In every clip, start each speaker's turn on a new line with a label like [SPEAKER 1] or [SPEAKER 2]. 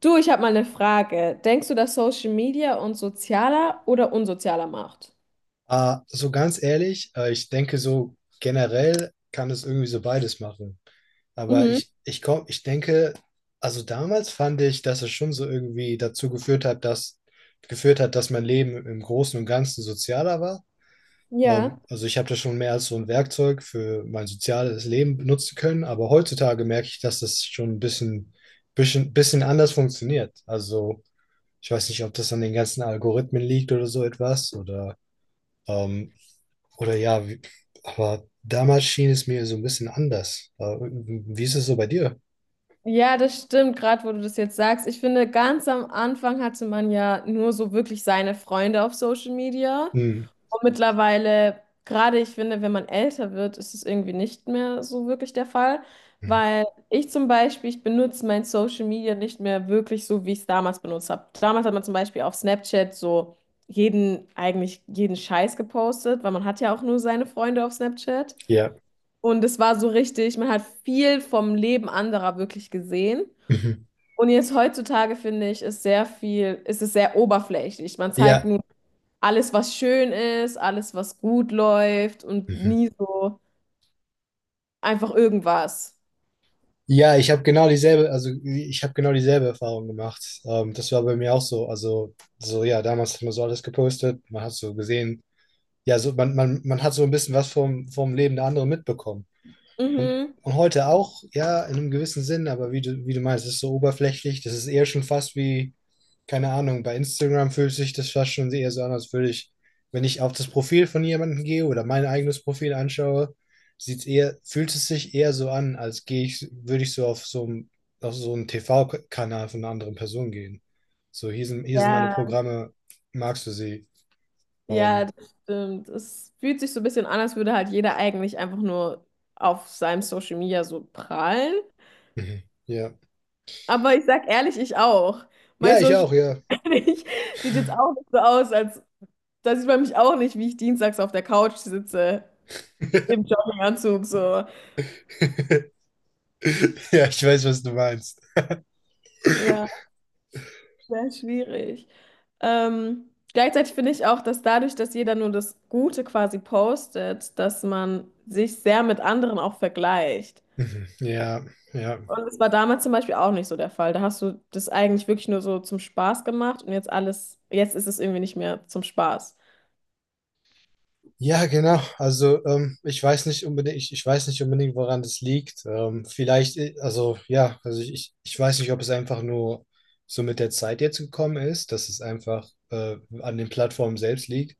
[SPEAKER 1] Du, ich habe mal eine Frage. Denkst du, dass Social Media uns sozialer oder unsozialer macht?
[SPEAKER 2] So ganz ehrlich, ich denke, so generell kann es irgendwie so beides machen. Aber
[SPEAKER 1] Mhm.
[SPEAKER 2] ich, ich komm, ich denke, also damals fand ich, dass es schon so irgendwie dazu geführt hat, dass mein Leben im Großen und Ganzen sozialer war.
[SPEAKER 1] Ja.
[SPEAKER 2] Also ich habe das schon mehr als so ein Werkzeug für mein soziales Leben benutzen können, aber heutzutage merke ich, dass das schon ein bisschen anders funktioniert. Also ich weiß nicht, ob das an den ganzen Algorithmen liegt oder so etwas ähm, oder ja, wie, aber damals schien es mir so ein bisschen anders. Wie ist es so bei dir?
[SPEAKER 1] Ja, das stimmt, gerade wo du das jetzt sagst. Ich finde, ganz am Anfang hatte man ja nur so wirklich seine Freunde auf Social Media.
[SPEAKER 2] Hm.
[SPEAKER 1] Und mittlerweile, gerade ich finde, wenn man älter wird, ist es irgendwie nicht mehr so wirklich der Fall,
[SPEAKER 2] Mhm.
[SPEAKER 1] weil ich zum Beispiel, ich benutze mein Social Media nicht mehr wirklich so, wie ich es damals benutzt habe. Damals hat man zum Beispiel auf Snapchat so jeden, eigentlich jeden Scheiß gepostet, weil man hat ja auch nur seine Freunde auf Snapchat.
[SPEAKER 2] Ja.
[SPEAKER 1] Und es war so richtig, man hat viel vom Leben anderer wirklich gesehen.
[SPEAKER 2] Mhm.
[SPEAKER 1] Und jetzt heutzutage finde ich, ist sehr viel, ist es sehr oberflächlich. Man zeigt
[SPEAKER 2] Ja.
[SPEAKER 1] nur alles, was schön ist, alles, was gut läuft und
[SPEAKER 2] Mhm.
[SPEAKER 1] nie so einfach irgendwas.
[SPEAKER 2] Ja, ich habe genau dieselbe Erfahrung gemacht. Das war bei mir auch so. Also, so ja, damals hat man so alles gepostet, man hat so gesehen, ja, so man hat so ein bisschen was vom Leben der anderen mitbekommen. Und,
[SPEAKER 1] Mhm.
[SPEAKER 2] und heute auch, ja, in einem gewissen Sinn, aber wie du meinst, es ist so oberflächlich, das ist eher schon fast wie, keine Ahnung, bei Instagram fühlt sich das fast schon eher so an, wenn ich auf das Profil von jemandem gehe oder mein eigenes Profil anschaue, fühlt es sich eher so an, würde ich so auf auf so einen TV-Kanal von einer anderen Person gehen. So, hier sind meine
[SPEAKER 1] Ja.
[SPEAKER 2] Programme, magst du sie?
[SPEAKER 1] Ja,
[SPEAKER 2] Ähm,
[SPEAKER 1] das stimmt. Es fühlt sich so ein bisschen an, als würde halt jeder eigentlich einfach nur auf seinem Social Media so prahlen.
[SPEAKER 2] mhm. Ja.
[SPEAKER 1] Aber ich sag ehrlich, ich auch. Mein
[SPEAKER 2] Ja, ich
[SPEAKER 1] Social
[SPEAKER 2] auch, ja.
[SPEAKER 1] Media sieht jetzt auch nicht so aus, als da sieht man mich auch nicht, wie ich dienstags auf der Couch sitze im Jogginganzug so.
[SPEAKER 2] Ja, ich weiß, was du meinst.
[SPEAKER 1] Ja. Sehr schwierig. Gleichzeitig finde ich auch, dass dadurch, dass jeder nur das Gute quasi postet, dass man sich sehr mit anderen auch vergleicht.
[SPEAKER 2] Mhm. Ja, ja,
[SPEAKER 1] Und das war damals zum Beispiel auch nicht so der Fall. Da hast du das eigentlich wirklich nur so zum Spaß gemacht und jetzt alles, jetzt ist es irgendwie nicht mehr zum Spaß.
[SPEAKER 2] ja, genau. Also ich weiß nicht unbedingt, woran das liegt. Vielleicht, also ja, also ich, ich ich weiß nicht, ob es einfach nur so mit der Zeit jetzt gekommen ist, dass es einfach an den Plattformen selbst liegt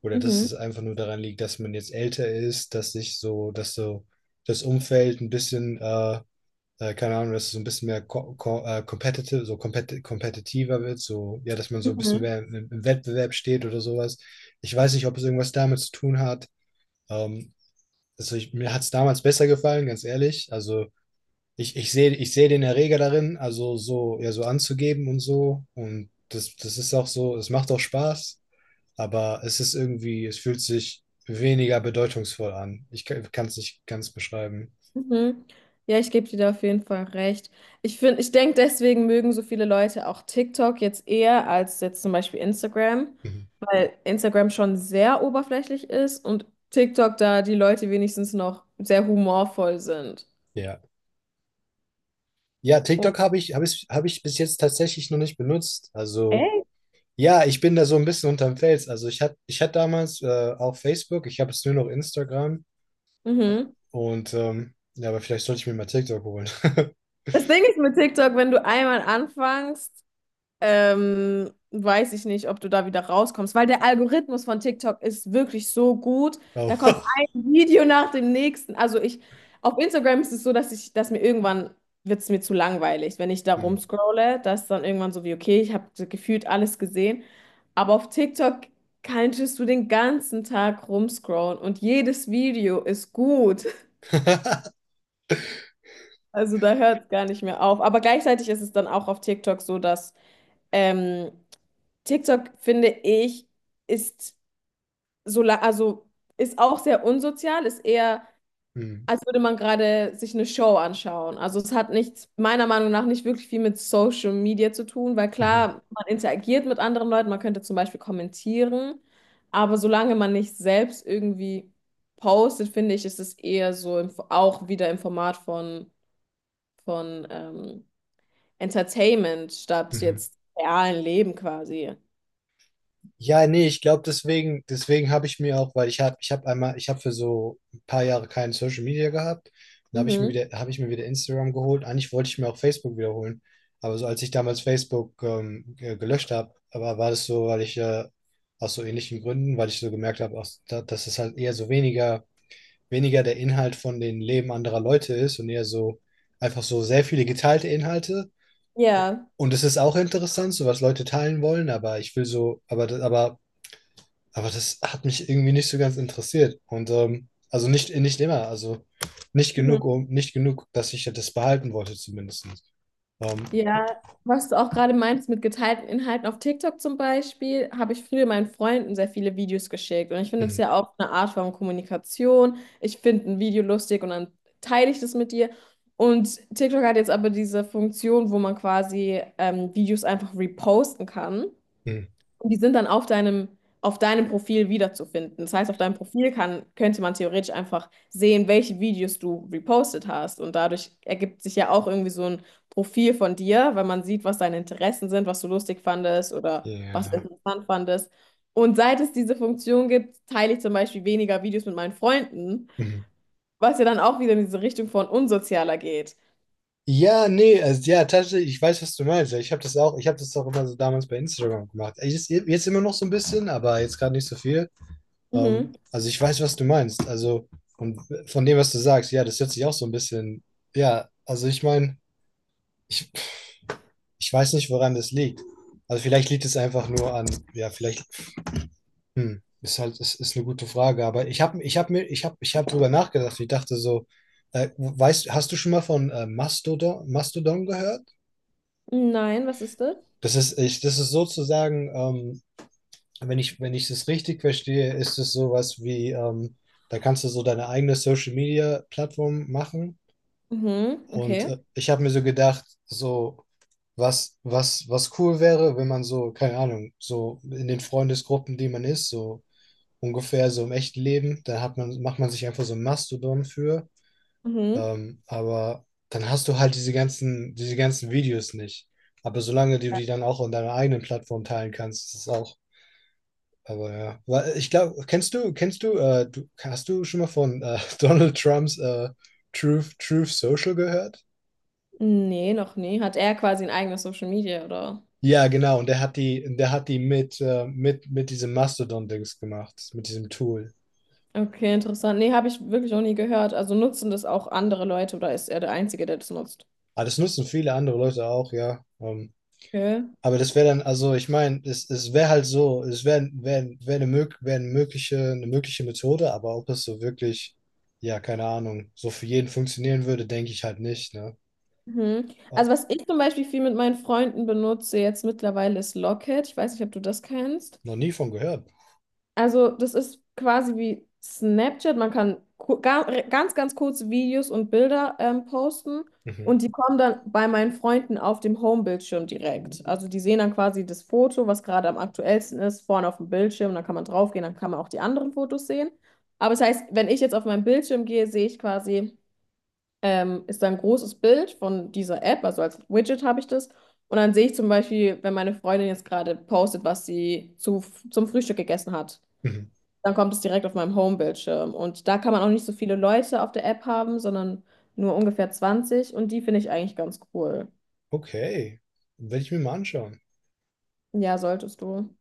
[SPEAKER 2] oder dass
[SPEAKER 1] Mhm.
[SPEAKER 2] es einfach nur daran liegt, dass man jetzt älter ist, dass so das Umfeld ein bisschen keine Ahnung, dass es so ein bisschen mehr ko ko competitive, so kompetitiver wird, so, ja, dass man so ein bisschen
[SPEAKER 1] Mhm.
[SPEAKER 2] mehr im, im Wettbewerb steht oder sowas. Ich weiß nicht, ob es irgendwas damit zu tun hat. Ähm, mir hat es damals besser gefallen, ganz ehrlich. Ich sehe den Erreger darin, also so, ja, so anzugeben und so. Und das ist auch so, es macht auch Spaß, aber es ist irgendwie, es fühlt sich weniger bedeutungsvoll an. Ich kann es nicht ganz beschreiben.
[SPEAKER 1] Mhm. Ja, ich gebe dir da auf jeden Fall recht. Ich finde, ich denke, deswegen mögen so viele Leute auch TikTok jetzt eher als jetzt zum Beispiel Instagram.
[SPEAKER 2] Mhm.
[SPEAKER 1] Weil Instagram schon sehr oberflächlich ist und TikTok da die Leute wenigstens noch sehr humorvoll sind.
[SPEAKER 2] Ja. Ja,
[SPEAKER 1] Oh,
[SPEAKER 2] TikTok habe ich, habe ich, habe ich bis jetzt tatsächlich noch nicht benutzt. Also,
[SPEAKER 1] echt?
[SPEAKER 2] ja, ich bin da so ein bisschen unterm Fels. Also ich hatte damals auch Facebook, ich habe jetzt nur noch Instagram
[SPEAKER 1] Mhm.
[SPEAKER 2] und ja, aber vielleicht sollte ich mir mal TikTok holen.
[SPEAKER 1] Das Ding ist mit TikTok, wenn du einmal anfängst, weiß ich nicht, ob du da wieder rauskommst, weil der Algorithmus von TikTok ist wirklich so gut.
[SPEAKER 2] Oh.
[SPEAKER 1] Da kommt ein Video nach dem nächsten. Also ich, auf Instagram ist es so, dass ich, dass mir irgendwann wird es mir zu langweilig, wenn ich da
[SPEAKER 2] Hm.
[SPEAKER 1] rumscrolle, dass dann irgendwann so wie, okay, ich habe gefühlt alles gesehen. Aber auf TikTok kannst du den ganzen Tag rumscrollen und jedes Video ist gut. Also da hört es gar nicht mehr auf. Aber gleichzeitig ist es dann auch auf TikTok so, dass ähm, TikTok, finde ich, ist so, also ist auch sehr unsozial, ist eher,
[SPEAKER 2] Hm.
[SPEAKER 1] als würde man gerade sich eine Show anschauen. Also es hat nichts, meiner Meinung nach, nicht wirklich viel mit Social Media zu tun, weil
[SPEAKER 2] Mhm.
[SPEAKER 1] klar, man interagiert mit anderen Leuten, man könnte zum Beispiel kommentieren, aber solange man nicht selbst irgendwie postet, finde ich, ist es eher so im, auch wieder im Format von Entertainment statt
[SPEAKER 2] Mhm.
[SPEAKER 1] jetzt realen Leben quasi.
[SPEAKER 2] Ja, nee, ich glaube, deswegen habe ich mir auch, weil ich habe für so ein paar Jahre kein Social Media gehabt. Dann habe ich mir
[SPEAKER 1] Mhm.
[SPEAKER 2] wieder, habe ich mir wieder Instagram geholt. Eigentlich wollte ich mir auch Facebook wiederholen. Aber so als ich damals Facebook gelöscht habe, war das so, weil ich aus so ähnlichen Gründen, weil ich so gemerkt habe, dass es halt eher so weniger der Inhalt von den Leben anderer Leute ist und eher so einfach so sehr viele geteilte Inhalte.
[SPEAKER 1] Ja.
[SPEAKER 2] Und es ist auch interessant, so was Leute teilen wollen, aber ich will so, aber das hat mich irgendwie nicht so ganz interessiert. Und also nicht immer, also nicht
[SPEAKER 1] Mhm.
[SPEAKER 2] genug, nicht genug, dass ich das behalten wollte, zumindest. Ähm,
[SPEAKER 1] Ja, was du auch gerade meinst mit geteilten Inhalten auf TikTok zum Beispiel, habe ich früher meinen Freunden sehr viele Videos geschickt. Und ich finde das
[SPEAKER 2] mhm,
[SPEAKER 1] ja auch eine Art von Kommunikation. Ich finde ein Video lustig und dann teile ich das mit dir. Und TikTok hat jetzt aber diese Funktion, wo man quasi Videos einfach reposten kann.
[SPEAKER 2] mhm,
[SPEAKER 1] Und die sind dann auf deinem Profil wiederzufinden. Das heißt, auf deinem Profil kann, könnte man theoretisch einfach sehen, welche Videos du repostet hast. Und dadurch ergibt sich ja auch irgendwie so ein Profil von dir, weil man sieht, was deine Interessen sind, was du lustig fandest oder was du
[SPEAKER 2] ja.
[SPEAKER 1] interessant fandest. Und seit es diese Funktion gibt, teile ich zum Beispiel weniger Videos mit meinen Freunden,
[SPEAKER 2] Mhm.
[SPEAKER 1] was ja dann auch wieder in diese Richtung von unsozialer geht.
[SPEAKER 2] Ja, nee, also ja, tatsächlich, ich weiß, was du meinst. Ich habe das auch immer so damals bei Instagram gemacht. Ich jetzt immer noch so ein bisschen, aber jetzt gerade nicht so viel.
[SPEAKER 1] Mhm.
[SPEAKER 2] Also ich weiß, was du meinst. Also, und von dem, was du sagst, ja, das hört sich auch so ein bisschen, ja, also ich meine, ich, ich weiß nicht, woran das liegt. Also vielleicht liegt es einfach nur an, ja, vielleicht, hm, ist halt, ist eine gute Frage, aber ich habe ich hab mir, ich habe ich hab drüber nachgedacht. Ich dachte so, hast du schon mal von Mastodon gehört?
[SPEAKER 1] Nein, was ist das?
[SPEAKER 2] Das ist sozusagen, wenn ich das richtig verstehe, ist es sowas wie, da kannst du so deine eigene Social Media Plattform machen.
[SPEAKER 1] Mhm,
[SPEAKER 2] Und
[SPEAKER 1] okay.
[SPEAKER 2] ich habe mir so gedacht, so, was cool wäre, wenn man so, keine Ahnung, so in den Freundesgruppen, die man ist, so ungefähr so im echten Leben, dann macht man sich einfach so ein Mastodon für.
[SPEAKER 1] Mhm.
[SPEAKER 2] Aber dann hast du halt diese ganzen Videos nicht. Aber solange du die dann auch in deiner eigenen Plattform teilen kannst, ist es auch. Aber ja. Weil ich glaube, hast du schon mal von Donald Trumps Truth Social gehört?
[SPEAKER 1] Nee, noch nie. Hat er quasi ein eigenes Social Media, oder?
[SPEAKER 2] Ja, genau. Und der hat die mit, mit diesem Mastodon-Dings gemacht, mit diesem Tool.
[SPEAKER 1] Okay, interessant. Nee, habe ich wirklich noch nie gehört. Also nutzen das auch andere Leute oder ist er der Einzige, der das nutzt?
[SPEAKER 2] Aber das nutzen viele andere Leute auch, ja.
[SPEAKER 1] Okay.
[SPEAKER 2] Aber das wäre dann, also ich meine, es wäre halt so, es wäre wär, wär eine, mög wär eine mögliche Methode, aber ob das so wirklich, ja, keine Ahnung, so für jeden funktionieren würde, denke ich halt nicht, ne?
[SPEAKER 1] Mhm.
[SPEAKER 2] Ah,
[SPEAKER 1] Also was ich zum Beispiel viel mit meinen Freunden benutze jetzt mittlerweile ist Locket. Ich weiß nicht, ob du das kennst.
[SPEAKER 2] noch nie von gehört.
[SPEAKER 1] Also, das ist quasi wie Snapchat. Man kann ganz, ganz kurze Videos und Bilder posten
[SPEAKER 2] Mhm.
[SPEAKER 1] und die kommen dann bei meinen Freunden auf dem Homebildschirm direkt. Also, die sehen dann quasi das Foto, was gerade am aktuellsten ist, vorne auf dem Bildschirm. Dann kann man draufgehen, dann kann man auch die anderen Fotos sehen. Aber das heißt, wenn ich jetzt auf meinen Bildschirm gehe, sehe ich quasi, ist da ein großes Bild von dieser App, also als Widget habe ich das. Und dann sehe ich zum Beispiel, wenn meine Freundin jetzt gerade postet, was sie zu, zum Frühstück gegessen hat.
[SPEAKER 2] Mhm.
[SPEAKER 1] Dann kommt es direkt auf meinem Home-Bildschirm. Und da kann man auch nicht so viele Leute auf der App haben, sondern nur ungefähr 20. Und die finde ich eigentlich ganz cool.
[SPEAKER 2] Okay. Werde ich mir mal anschauen.
[SPEAKER 1] Ja, solltest du.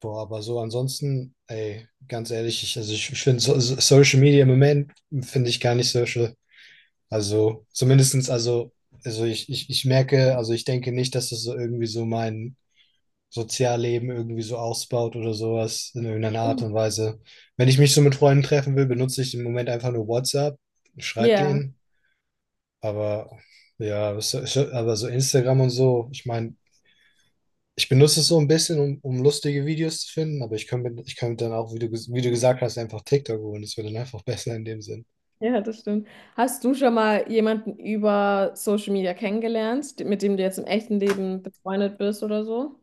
[SPEAKER 2] Boah, aber so ansonsten, ey, ganz ehrlich, ich finde so, so- Social Media im Moment finde ich gar nicht social. Also zumindestens, also, also ich merke, also ich denke nicht, dass das so irgendwie so mein Sozialleben irgendwie so ausbaut oder sowas in irgendeiner Art
[SPEAKER 1] Mhm.
[SPEAKER 2] und Weise. Wenn ich mich so mit Freunden treffen will, benutze ich im Moment einfach nur WhatsApp, schreibe
[SPEAKER 1] Ja,
[SPEAKER 2] denen, aber ja, so, so- aber so Instagram und so, ich meine, ich benutze es so ein bisschen, um lustige Videos zu finden, aber ich könnte dann auch, wie du gesagt hast, einfach TikTok holen. Das wäre dann einfach besser in dem Sinn.
[SPEAKER 1] ja, das stimmt. Hast du schon mal jemanden über Social Media kennengelernt, mit dem du jetzt im echten Leben befreundet bist oder so?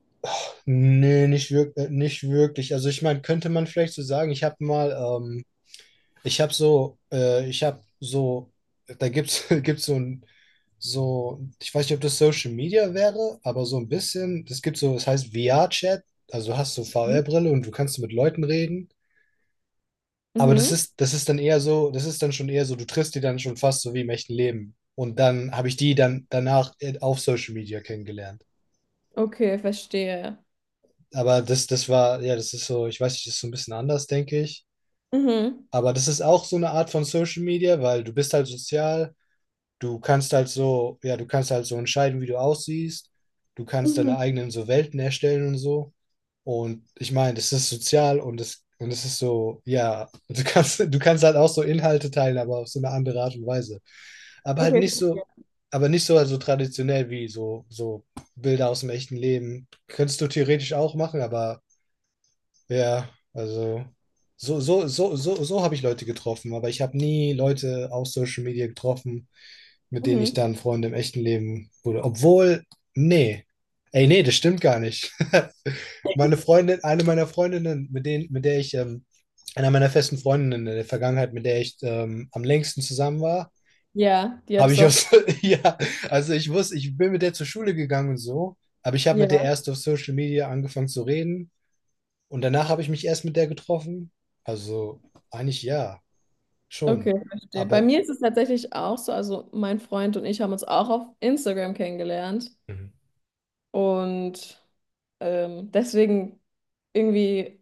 [SPEAKER 2] Nee, nicht wirklich, nicht wirklich. Also ich meine, könnte man vielleicht so sagen, ich habe so, gibt's so ein, so, ich weiß nicht, ob das Social Media wäre, aber so ein bisschen, es heißt VR-Chat, also du hast du
[SPEAKER 1] Mhm.
[SPEAKER 2] VR-Brille und du kannst mit Leuten reden. Aber
[SPEAKER 1] Mhm.
[SPEAKER 2] das ist dann eher so, das ist dann schon eher so, du triffst die dann schon fast so wie im echten Leben. Und dann habe ich die dann danach auf Social Media kennengelernt.
[SPEAKER 1] Okay, verstehe.
[SPEAKER 2] Aber das war, ja, das ist so, ich weiß nicht, das ist so ein bisschen anders, denke ich.
[SPEAKER 1] Mhm.
[SPEAKER 2] Aber das ist auch so eine Art von Social Media, weil du bist halt sozial, du kannst halt so, ja, du kannst halt so entscheiden, wie du aussiehst, du kannst deine
[SPEAKER 1] Mhm.
[SPEAKER 2] eigenen so Welten erstellen und so. Und ich meine, es ist sozial und es ist so, ja, du kannst halt auch so Inhalte teilen, aber auf so eine andere Art und Weise. Aber halt
[SPEAKER 1] Okay.
[SPEAKER 2] nicht so, aber nicht so also traditionell wie so, so Bilder aus dem echten Leben. Könntest du theoretisch auch machen, aber ja, also so habe ich Leute getroffen, aber ich habe nie Leute auf Social Media getroffen, mit denen ich
[SPEAKER 1] Mhm.
[SPEAKER 2] dann Freunde im echten Leben wurde. Obwohl, nee. Ey, nee, das stimmt gar nicht. Meine Freundin, eine meiner Freundinnen, mit denen, mit der ich, einer meiner festen Freundinnen in der Vergangenheit, mit der ich am längsten zusammen war,
[SPEAKER 1] Ja, die hat
[SPEAKER 2] habe
[SPEAKER 1] es
[SPEAKER 2] ich
[SPEAKER 1] auf.
[SPEAKER 2] aus, ja, also ich wusste, ich bin mit der zur Schule gegangen und so, aber ich habe mit der
[SPEAKER 1] Ja.
[SPEAKER 2] erst auf Social Media angefangen zu reden und danach habe ich mich erst mit der getroffen. Also eigentlich ja,
[SPEAKER 1] Okay,
[SPEAKER 2] schon.
[SPEAKER 1] verstehe. Bei
[SPEAKER 2] Aber
[SPEAKER 1] mir ist es tatsächlich auch so, also mein Freund und ich haben uns auch auf Instagram kennengelernt
[SPEAKER 2] Mhm.
[SPEAKER 1] und deswegen irgendwie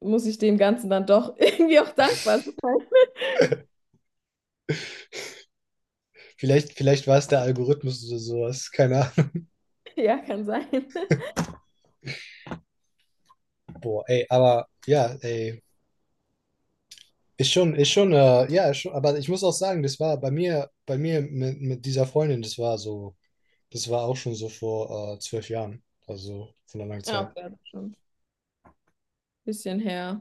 [SPEAKER 1] muss ich dem Ganzen dann doch irgendwie auch dankbar sein.
[SPEAKER 2] vielleicht, war es der Algorithmus oder sowas. Keine Ahnung.
[SPEAKER 1] Ja, kann sein.
[SPEAKER 2] Boah, ey, aber ja, ey. Ist schon, aber ich muss auch sagen, das war bei mir, mit dieser Freundin, das war so, das war auch schon so vor 12 Jahren. Also von einer langen
[SPEAKER 1] Ja,
[SPEAKER 2] Zeit.
[SPEAKER 1] okay, das ist schon ein bisschen her.